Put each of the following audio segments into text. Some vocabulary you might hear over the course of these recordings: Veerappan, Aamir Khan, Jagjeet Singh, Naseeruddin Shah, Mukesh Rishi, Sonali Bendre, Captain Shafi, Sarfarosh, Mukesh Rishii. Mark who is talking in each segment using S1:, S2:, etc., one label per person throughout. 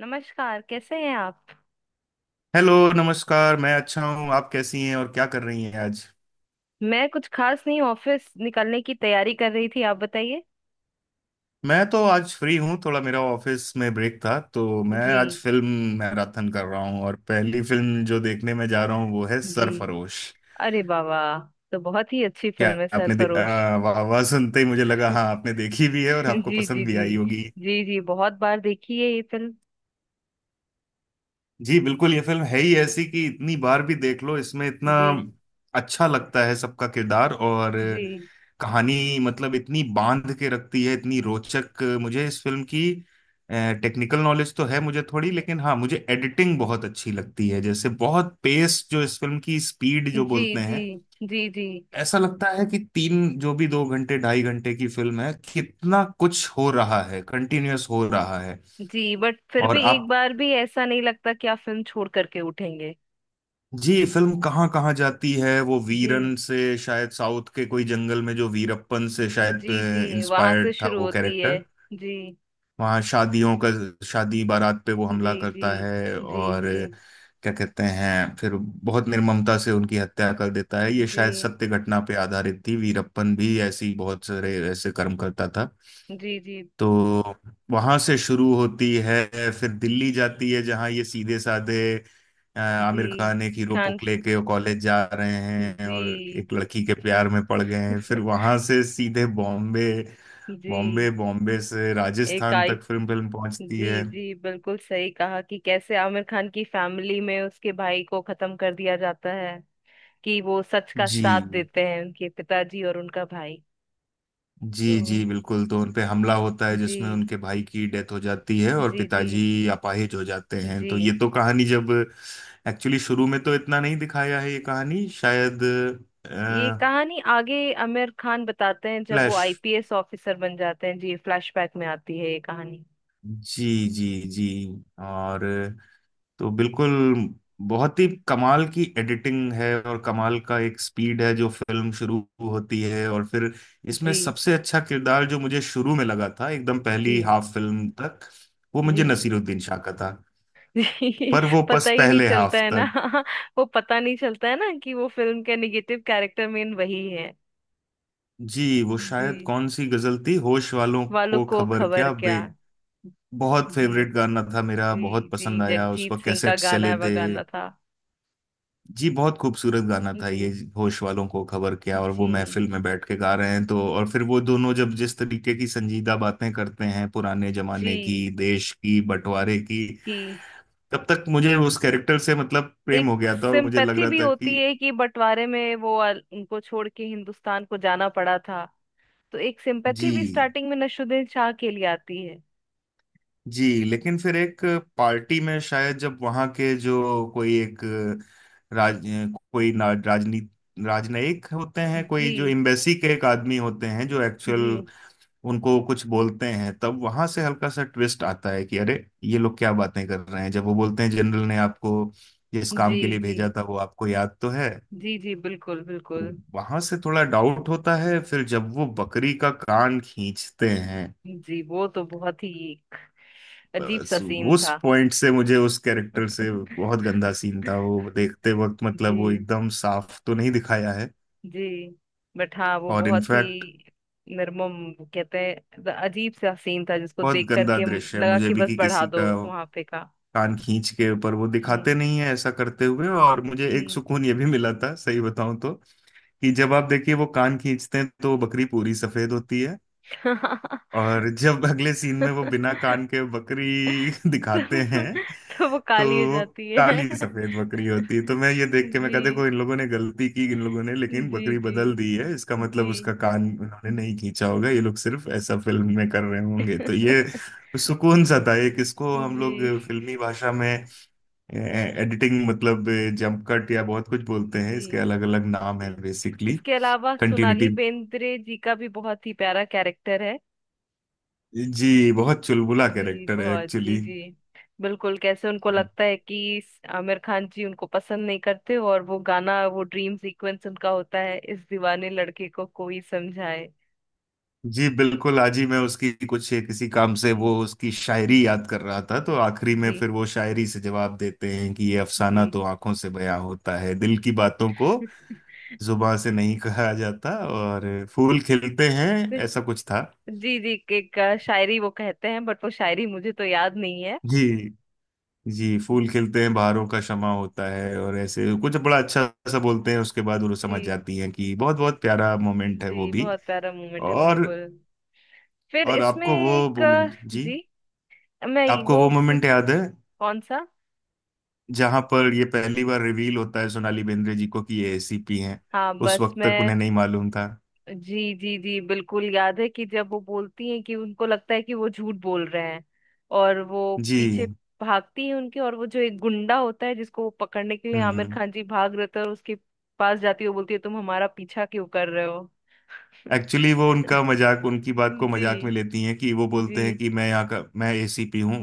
S1: नमस्कार, कैसे हैं आप।
S2: हेलो, नमस्कार। मैं अच्छा हूँ। आप कैसी हैं और क्या कर रही हैं आज?
S1: मैं कुछ खास नहीं, ऑफिस निकलने की तैयारी कर रही थी। आप बताइए।
S2: मैं तो आज फ्री हूँ, थोड़ा मेरा ऑफिस में ब्रेक था तो मैं
S1: जी।
S2: आज फिल्म मैराथन कर रहा हूँ और पहली फिल्म जो देखने में जा रहा हूँ वो है
S1: जी।
S2: सरफरोश।
S1: अरे बाबा। तो बहुत ही अच्छी
S2: क्या
S1: फिल्म है
S2: आपने
S1: सरफरोश।
S2: वाह वाह सुनते ही मुझे लगा हाँ आपने देखी भी है और
S1: जी।
S2: आपको
S1: जी।
S2: पसंद भी
S1: जी।
S2: आई होगी।
S1: जी। जी, बहुत बार देखी है ये फिल्म।
S2: जी बिल्कुल, ये फिल्म है ही ऐसी कि इतनी बार भी देख लो इसमें इतना
S1: जी।
S2: अच्छा लगता है सबका किरदार और
S1: जी।
S2: कहानी। मतलब इतनी बांध के रखती है, इतनी रोचक। मुझे इस फिल्म की टेक्निकल नॉलेज तो है मुझे थोड़ी, लेकिन हाँ, मुझे एडिटिंग बहुत अच्छी लगती है, जैसे बहुत पेस जो इस फिल्म की, स्पीड जो
S1: जी।
S2: बोलते
S1: जी।
S2: हैं।
S1: जी। जी।
S2: ऐसा लगता है कि तीन जो भी, 2 घंटे 2.5 घंटे की फिल्म है, कितना कुछ हो रहा है, कंटिन्यूअस हो रहा है।
S1: जी बट फिर
S2: और
S1: भी एक
S2: आप?
S1: बार भी ऐसा नहीं लगता कि आप फिल्म छोड़ करके उठेंगे।
S2: जी, फिल्म कहाँ कहाँ जाती है, वो
S1: जी।
S2: वीरन से शायद साउथ के कोई जंगल में, जो वीरप्पन से शायद
S1: जी। जी, वहां से
S2: इंस्पायर्ड था
S1: शुरू
S2: वो
S1: होती है।
S2: कैरेक्टर।
S1: जी।
S2: वहाँ शादियों का, शादी बारात पे वो
S1: जी।
S2: हमला
S1: जी।
S2: करता है
S1: जी।
S2: और
S1: जी।
S2: क्या कहते हैं, फिर बहुत निर्ममता से उनकी हत्या कर देता है।
S1: जी।
S2: ये
S1: जी।
S2: शायद सत्य घटना पे आधारित थी, वीरप्पन भी ऐसी बहुत सारे ऐसे कर्म करता था।
S1: जी। जी।
S2: तो वहां से शुरू होती है, फिर दिल्ली जाती है जहां ये सीधे साधे
S1: जी।
S2: आमिर खान एक हीरो को
S1: खान।
S2: लेके कॉलेज जा रहे हैं और
S1: जी।
S2: एक लड़की के प्यार में पड़ गए हैं। फिर वहां से सीधे बॉम्बे, बॉम्बे
S1: जी।
S2: बॉम्बे से राजस्थान
S1: इकाई।
S2: तक फिल्म फिल्म पहुंचती
S1: जी।
S2: है।
S1: जी, बिल्कुल सही कहा कि कैसे आमिर खान की फैमिली में उसके भाई को खत्म कर दिया जाता है कि वो सच का
S2: जी
S1: साथ देते हैं, उनके पिताजी और उनका भाई।
S2: जी
S1: तो।
S2: जी बिल्कुल, तो उन पे हमला होता है जिसमें
S1: जी।
S2: उनके भाई की डेथ हो जाती है और
S1: जी। जी।
S2: पिताजी अपाहिज हो जाते हैं। तो ये
S1: जी,
S2: तो कहानी जब एक्चुअली शुरू में तो इतना नहीं दिखाया है, ये कहानी शायद
S1: ये
S2: अ,
S1: कहानी आगे आमिर खान बताते हैं जब वो
S2: फ्लैश।
S1: आईपीएस ऑफिसर बन जाते हैं। जी, फ्लैशबैक में आती है ये कहानी।
S2: जी जी जी। और तो बिल्कुल बहुत ही कमाल की एडिटिंग है और कमाल का एक स्पीड है जो फिल्म शुरू होती है, और फिर इसमें
S1: जी।
S2: सबसे अच्छा किरदार जो मुझे शुरू में लगा था एकदम
S1: जी।
S2: पहली हाफ फिल्म तक, वो
S1: जी।
S2: मुझे नसीरुद्दीन शाह का था।
S1: जी,
S2: पर वो
S1: पता
S2: पस
S1: ही नहीं
S2: पहले
S1: चलता
S2: हाफ
S1: है ना।
S2: तक।
S1: वो पता नहीं चलता है ना कि वो फिल्म का निगेटिव कैरेक्टर मेन वही है।
S2: जी वो
S1: जी,
S2: शायद कौन सी गजल थी, होश वालों
S1: वालों
S2: को
S1: को
S2: खबर
S1: खबर
S2: क्या
S1: क्या।
S2: बे, बहुत
S1: जी।
S2: फेवरेट गाना था मेरा,
S1: जी।
S2: बहुत
S1: जी
S2: पसंद आया, उस
S1: जगजीत
S2: पर
S1: सिंह का
S2: कैसेट्स चले
S1: गाना
S2: थे।
S1: बगाना था।
S2: जी बहुत खूबसूरत गाना था ये,
S1: जी।
S2: होश वालों को खबर क्या, और वो
S1: जी।
S2: महफिल में बैठ के गा रहे हैं तो, और फिर वो दोनों जब जिस तरीके की संजीदा बातें करते हैं पुराने जमाने की,
S1: जी
S2: देश की, बंटवारे की,
S1: कि
S2: तब तक मुझे उस कैरेक्टर से मतलब प्रेम हो
S1: एक
S2: गया था और मुझे लग
S1: सिंपैथी
S2: रहा
S1: भी
S2: था
S1: होती
S2: कि
S1: है कि बंटवारे में वो उनको छोड़ के हिंदुस्तान को जाना पड़ा था। तो एक सिंपैथी भी
S2: जी
S1: स्टार्टिंग में नसरुद्दीन शाह के लिए आती है।
S2: जी। लेकिन फिर एक पार्टी में शायद जब वहां के जो कोई एक राज कोई ना- राजनी राजनयिक होते हैं,
S1: जी।
S2: कोई जो एम्बेसी के एक आदमी होते हैं, जो एक्चुअल
S1: जी।
S2: उनको कुछ बोलते हैं, तब वहां से हल्का सा ट्विस्ट आता है कि अरे ये लोग क्या बातें कर रहे हैं, जब वो बोलते हैं जनरल ने आपको जिस
S1: जी।
S2: काम के लिए
S1: जी।
S2: भेजा था वो आपको याद तो है।
S1: जी। जी, बिल्कुल
S2: तो
S1: बिल्कुल।
S2: वहां से थोड़ा डाउट होता है, फिर जब वो बकरी का कान खींचते हैं,
S1: जी, वो तो बहुत ही एक अजीब
S2: बस
S1: सा सीन
S2: उस
S1: था।
S2: पॉइंट से मुझे उस कैरेक्टर से, बहुत गंदा सीन था वो, देखते वक्त मतलब वो
S1: जी।
S2: एकदम साफ तो नहीं दिखाया है,
S1: जी बट हाँ वो
S2: और
S1: बहुत ही
S2: इनफैक्ट
S1: निर्मम कहते हैं, अजीब सा सीन था जिसको
S2: बहुत
S1: देख
S2: गंदा
S1: करके
S2: दृश्य है
S1: लगा
S2: मुझे
S1: कि
S2: भी,
S1: बस
S2: कि
S1: बढ़ा
S2: किसी
S1: दो
S2: का
S1: वहां पे का।
S2: कान खींच के, पर वो
S1: जी।
S2: दिखाते नहीं है ऐसा करते हुए। और मुझे एक
S1: जी।
S2: सुकून ये भी मिला था सही बताऊं तो, कि जब आप देखिए वो कान खींचते हैं तो बकरी पूरी सफेद होती है, और जब अगले सीन में वो बिना
S1: तो,
S2: कान के बकरी दिखाते हैं
S1: तो वो काली हो
S2: तो
S1: जाती है।
S2: काली सफेद बकरी होती है। तो मैं ये देख के मैं कहा देखो
S1: जी।
S2: इन लोगों ने गलती की, इन लोगों ने
S1: जी।
S2: लेकिन
S1: जी।
S2: बकरी
S1: जी।
S2: बदल दी है, इसका मतलब उसका कान उन्होंने नहीं खींचा होगा, ये लोग सिर्फ ऐसा फिल्म में कर रहे होंगे। तो ये सुकून सा था एक, इसको हम लोग
S1: जी।
S2: फिल्मी भाषा में एडिटिंग मतलब जंप कट या बहुत कुछ बोलते हैं, इसके
S1: जी।
S2: अलग अलग नाम है,
S1: जी,
S2: बेसिकली
S1: इसके अलावा सोनाली
S2: कंटिन्यूटी।
S1: बेंद्रे जी का भी बहुत ही प्यारा कैरेक्टर है।
S2: जी बहुत चुलबुला
S1: जी
S2: कैरेक्टर है
S1: बहुत। जी।
S2: एक्चुअली।
S1: जी, बिल्कुल कैसे उनको लगता है कि आमिर खान जी उनको पसंद नहीं करते, और वो गाना, वो ड्रीम सीक्वेंस उनका होता है, इस दीवाने लड़के को कोई समझाए।
S2: जी बिल्कुल, आज ही मैं उसकी कुछ किसी काम से
S1: जी।
S2: वो उसकी शायरी याद कर रहा था, तो आखिरी में
S1: जी।
S2: फिर वो शायरी से जवाब देते हैं कि ये अफसाना
S1: जी।
S2: तो आंखों से बयां होता है, दिल की बातों को जुबां से नहीं कहा जाता, और फूल खिलते हैं, ऐसा कुछ था।
S1: जी। जी एक शायरी वो कहते हैं बट वो शायरी मुझे तो याद नहीं है।
S2: जी जी, फूल
S1: जी।
S2: खिलते हैं बहारों का शमा होता है और ऐसे कुछ बड़ा अच्छा सा बोलते हैं, उसके बाद वो
S1: जी।
S2: समझ जाती हैं कि, बहुत बहुत प्यारा मोमेंट है वो
S1: जी,
S2: भी।
S1: बहुत प्यारा मोमेंट है
S2: और
S1: बिल्कुल। फिर
S2: और
S1: इसमें
S2: आपको वो
S1: एक
S2: मोमेंट, जी,
S1: जी। मैं
S2: आपको वो
S1: वो सी-
S2: मोमेंट याद है
S1: कौन सा।
S2: जहां पर ये पहली बार रिवील होता है सोनाली बेंद्रे जी को कि ये एसीपी हैं,
S1: हाँ
S2: उस
S1: बस
S2: वक्त तक
S1: मैं।
S2: उन्हें नहीं मालूम था।
S1: जी। जी। जी, बिल्कुल याद है कि जब वो बोलती हैं कि उनको लगता है कि वो झूठ बोल रहे हैं, और वो पीछे
S2: जी,
S1: भागती है उनके, और वो जो एक गुंडा होता है जिसको वो पकड़ने के लिए आमिर
S2: हम्म,
S1: खान जी भाग रहे थे, और उसके पास जाती है, वो बोलती है तुम हमारा पीछा क्यों कर रहे हो।
S2: एक्चुअली वो उनका मजाक, उनकी बात को
S1: जी।
S2: मजाक में लेती हैं, कि वो
S1: जी।
S2: बोलते हैं कि मैं यहाँ का, मैं एसीपी हूँ,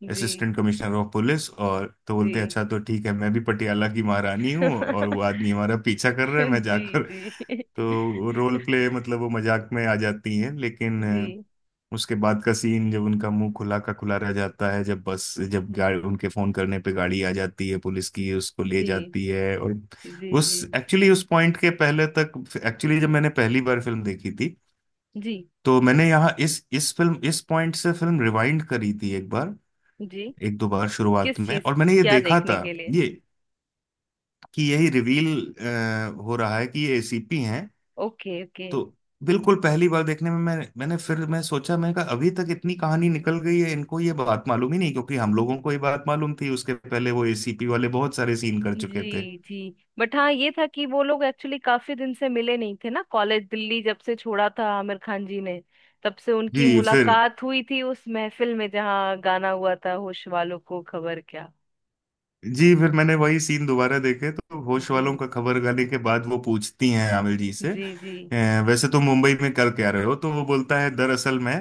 S1: जी।
S2: असिस्टेंट कमिश्नर ऑफ पुलिस, और तो बोलते हैं
S1: जी।
S2: अच्छा तो ठीक है, मैं भी पटियाला की महारानी हूँ और वो आदमी हमारा पीछा कर रहा है मैं
S1: जी।
S2: जाकर
S1: जी।
S2: तो रोल प्ले, मतलब वो मजाक में आ जाती हैं, लेकिन
S1: जी।
S2: उसके बाद का सीन जब उनका मुंह खुला का खुला रह जाता है, जब बस जब गाड़ी उनके फोन करने पे गाड़ी आ जाती है पुलिस की, उसको ले
S1: जी।
S2: जाती है, और
S1: जी।
S2: उस
S1: जी।
S2: एक्चुअली उस पॉइंट के पहले तक एक्चुअली, जब मैंने पहली बार फिल्म देखी थी
S1: जी।
S2: तो मैंने यहाँ इस फिल्म इस पॉइंट से फिल्म रिवाइंड करी थी एक बार,
S1: जी।
S2: एक दो बार शुरुआत
S1: किस
S2: में,
S1: चीज,
S2: और मैंने ये
S1: क्या
S2: देखा
S1: देखने
S2: था
S1: के लिए।
S2: ये, कि यही रिवील हो रहा है कि ये एसीपी हैं।
S1: Okay okay.
S2: तो बिल्कुल पहली बार देखने में मैंने फिर मैं सोचा, मैं कहा अभी तक इतनी कहानी निकल गई है, इनको ये बात मालूम ही नहीं, क्योंकि हम लोगों को ये बात मालूम थी, उसके पहले वो एसीपी वाले बहुत सारे सीन कर चुके थे।
S1: जी। जी बट हाँ ये था कि वो लोग एक्चुअली काफी दिन से मिले नहीं थे ना, कॉलेज दिल्ली जब से छोड़ा था आमिर खान जी ने, तब से उनकी
S2: जी फिर,
S1: मुलाकात हुई थी उस महफिल में जहाँ गाना हुआ था होश वालों को खबर क्या।
S2: जी फिर मैंने वही सीन दोबारा देखे तो होश
S1: जी।
S2: वालों का खबर गाली के बाद वो पूछती हैं आमिर जी से,
S1: जी। जी।
S2: " वैसे तो मुंबई में कर क्या रहे हो? तो वो बोलता है दरअसल मैं,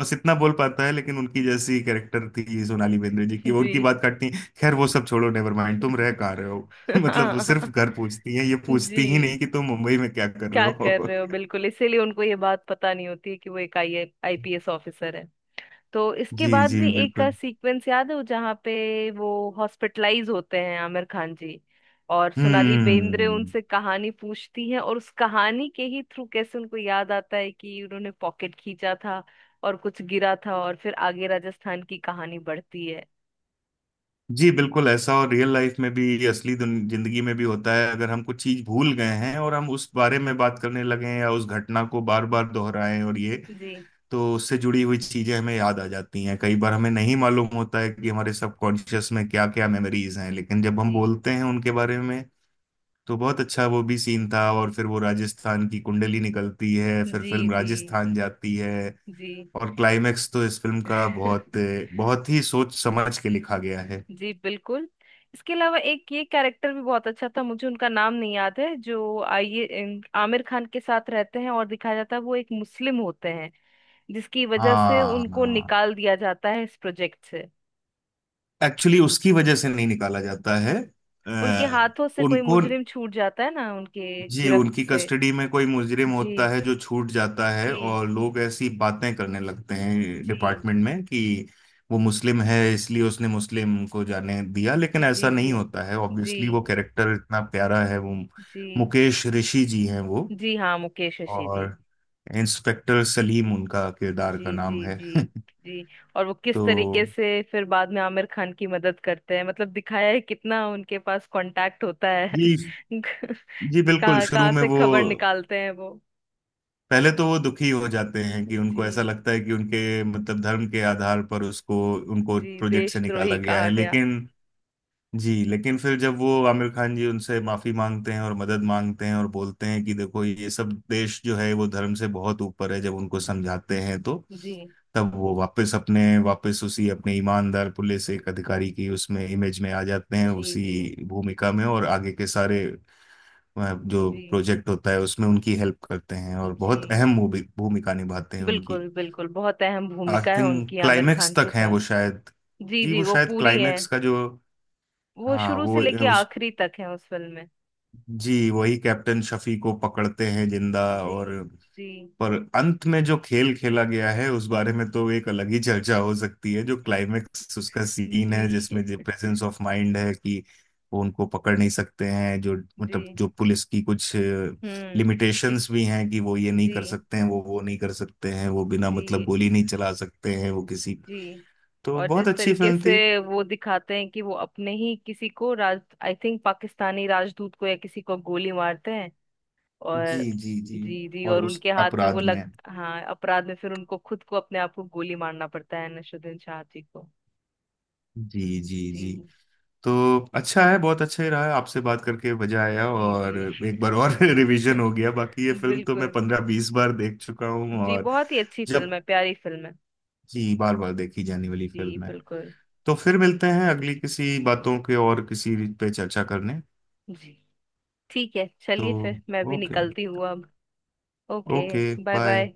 S2: बस इतना बोल पाता है, लेकिन उनकी जैसी कैरेक्टर थी सोनाली बेंद्रे जी की, वो
S1: जी।
S2: उनकी बात काटती हैं, खैर वो सब छोड़ो, नेवर माइंड, तुम रह कहाँ रहे हो? मतलब वो
S1: हाँ।
S2: सिर्फ घर पूछती हैं, ये पूछती ही
S1: जी,
S2: नहीं कि तुम मुंबई में क्या कर रहे
S1: क्या कर
S2: हो।
S1: रहे हो, बिल्कुल इसीलिए उनको ये बात पता नहीं होती कि वो एक आई आईपीएस ऑफिसर है। तो इसके
S2: जी
S1: बाद भी
S2: जी
S1: एक का
S2: बिल्कुल।
S1: सीक्वेंस याद है वो जहाँ पे वो हॉस्पिटलाइज होते हैं आमिर खान जी, और सोनाली बेंद्रे
S2: हम्म।
S1: उनसे कहानी पूछती है, और उस कहानी के ही थ्रू कैसे उनको याद आता है कि उन्होंने पॉकेट खींचा था और कुछ गिरा था, और फिर आगे राजस्थान की कहानी बढ़ती है।
S2: जी बिल्कुल ऐसा, और रियल लाइफ में भी असली जिंदगी में भी होता है, अगर हम कुछ चीज भूल गए हैं और हम उस बारे में बात करने लगे हैं या उस घटना को बार बार दोहराएं, और ये,
S1: जी।
S2: तो उससे जुड़ी हुई चीजें हमें याद आ जाती हैं। कई बार हमें नहीं मालूम होता है कि हमारे सबकॉन्शियस में क्या क्या मेमोरीज हैं, लेकिन जब हम
S1: जी।
S2: बोलते हैं उनके बारे में तो, बहुत अच्छा वो भी सीन था। और फिर वो राजस्थान की कुंडली निकलती है, फिर
S1: जी।
S2: फिल्म
S1: जी।
S2: राजस्थान जाती है,
S1: जी।
S2: और क्लाइमेक्स तो इस फिल्म का बहुत बहुत ही सोच समझ के लिखा गया।
S1: जी बिल्कुल। इसके अलावा एक ये कैरेक्टर भी बहुत अच्छा था, मुझे उनका नाम नहीं याद है, जो आमिर खान के साथ रहते हैं, और दिखाया जाता है वो एक मुस्लिम होते हैं, जिसकी वजह से
S2: हाँ
S1: उनको निकाल दिया जाता है इस प्रोजेक्ट से।
S2: एक्चुअली उसकी वजह से नहीं निकाला जाता है,
S1: उनके
S2: अ,
S1: हाथों से कोई
S2: उनको,
S1: मुजरिम छूट जाता है ना, उनके
S2: जी,
S1: गिरफ्त
S2: उनकी
S1: से।
S2: कस्टडी में कोई मुजरिम
S1: जी।
S2: होता है जो छूट जाता है,
S1: जी।
S2: और लोग ऐसी बातें करने लगते हैं
S1: जी।
S2: डिपार्टमेंट में कि वो मुस्लिम है इसलिए उसने मुस्लिम को जाने दिया, लेकिन
S1: जी।
S2: ऐसा नहीं
S1: जी।
S2: होता है
S1: जी।
S2: ऑब्वियसली। वो कैरेक्टर इतना प्यारा है, वो
S1: जी।
S2: मुकेश ऋषि जी हैं वो,
S1: जी हाँ मुकेश ऋषि जी।
S2: और इंस्पेक्टर सलीम उनका किरदार का
S1: जी।
S2: नाम
S1: जी।
S2: है।
S1: जी। जी। और वो किस
S2: तो
S1: तरीके से फिर बाद में आमिर खान की मदद करते हैं, मतलब दिखाया है कितना उनके पास कांटेक्ट होता है।
S2: जी जी बिल्कुल,
S1: कहाँ
S2: शुरू
S1: कहाँ
S2: में
S1: से
S2: वो
S1: खबर निकालते हैं वो।
S2: पहले तो वो दुखी हो जाते हैं कि उनको
S1: जी।
S2: ऐसा लगता है कि उनके मतलब धर्म के आधार पर उसको, उनको
S1: जी,
S2: प्रोजेक्ट से
S1: देशद्रोही
S2: निकाला गया
S1: कहा
S2: है,
S1: गया।
S2: लेकिन जी, लेकिन फिर जब वो आमिर खान जी उनसे माफी मांगते हैं और मदद मांगते हैं और बोलते हैं कि देखो ये सब, देश जो है वो धर्म से बहुत ऊपर है, जब उनको समझाते हैं तो
S1: जी।
S2: तब वो वापस अपने, वापस उसी अपने ईमानदार पुलिस एक अधिकारी की उसमें इमेज में आ जाते
S1: जी।
S2: हैं,
S1: जी।
S2: उसी भूमिका में। और आगे के सारे, वह जो
S1: जी।
S2: प्रोजेक्ट होता है उसमें उनकी हेल्प करते हैं और
S1: जी,
S2: बहुत अहम भूमिका निभाते हैं उनकी।
S1: बिल्कुल बिल्कुल बहुत अहम
S2: आई
S1: भूमिका है
S2: थिंक
S1: उनकी आमिर
S2: क्लाइमेक्स
S1: खान के
S2: तक हैं
S1: साथ।
S2: वो शायद।
S1: जी।
S2: जी
S1: जी
S2: वो
S1: वो
S2: शायद
S1: पूरी है।
S2: क्लाइमेक्स का जो,
S1: वो
S2: हाँ
S1: शुरू से
S2: वो
S1: लेके
S2: उस,
S1: आखिरी तक है उस फिल्म में।
S2: जी वही कैप्टन शफी को पकड़ते हैं जिंदा,
S1: जी।
S2: और
S1: जी।
S2: पर अंत में जो खेल खेला गया है उस बारे में तो एक अलग ही चर्चा हो सकती है, जो क्लाइमेक्स उसका सीन
S1: जी।
S2: है जिसमें जो प्रेजेंस ऑफ माइंड है कि वो उनको पकड़ नहीं सकते हैं, जो मतलब
S1: जी।
S2: जो पुलिस की कुछ
S1: हम्म। क्यों-
S2: लिमिटेशंस भी हैं कि वो ये नहीं
S1: जी।
S2: कर सकते हैं, वो नहीं कर सकते हैं, वो बिना मतलब
S1: जी।
S2: गोली नहीं चला सकते हैं वो किसी।
S1: जी,
S2: तो
S1: और
S2: बहुत
S1: जिस
S2: अच्छी
S1: तरीके
S2: फिल्म
S1: से
S2: थी।
S1: वो दिखाते हैं कि वो अपने ही किसी को राज, आई थिंक पाकिस्तानी राजदूत को या किसी को गोली मारते हैं।
S2: जी
S1: और
S2: जी जी,
S1: जी। जी,
S2: और
S1: और
S2: उस
S1: उनके हाथ पे वो
S2: अपराध में,
S1: लग हाँ, अपराध में फिर उनको खुद को अपने आप को गोली मारना पड़ता है नसरुद्दीन शाह जी को।
S2: जी जी जी।
S1: जी।
S2: तो अच्छा है, बहुत अच्छा ही रहा है आपसे बात करके, मजा आया,
S1: जी।
S2: और
S1: जी।
S2: एक बार और रिवीजन हो गया, बाकी ये फिल्म तो मैं
S1: बिल्कुल।
S2: 15-20 बार देख चुका हूँ,
S1: जी
S2: और
S1: बहुत ही अच्छी फिल्म
S2: जब,
S1: है, प्यारी फिल्म है।
S2: जी बार बार देखी जाने वाली
S1: जी
S2: फिल्म है।
S1: बिल्कुल।
S2: तो फिर मिलते हैं अगली किसी बातों के और किसी पे चर्चा करने।
S1: जी, ठीक है
S2: तो
S1: चलिए फिर मैं भी
S2: ओके,
S1: निकलती हूँ अब। Okay.
S2: Okay
S1: bye
S2: bye.
S1: Bye.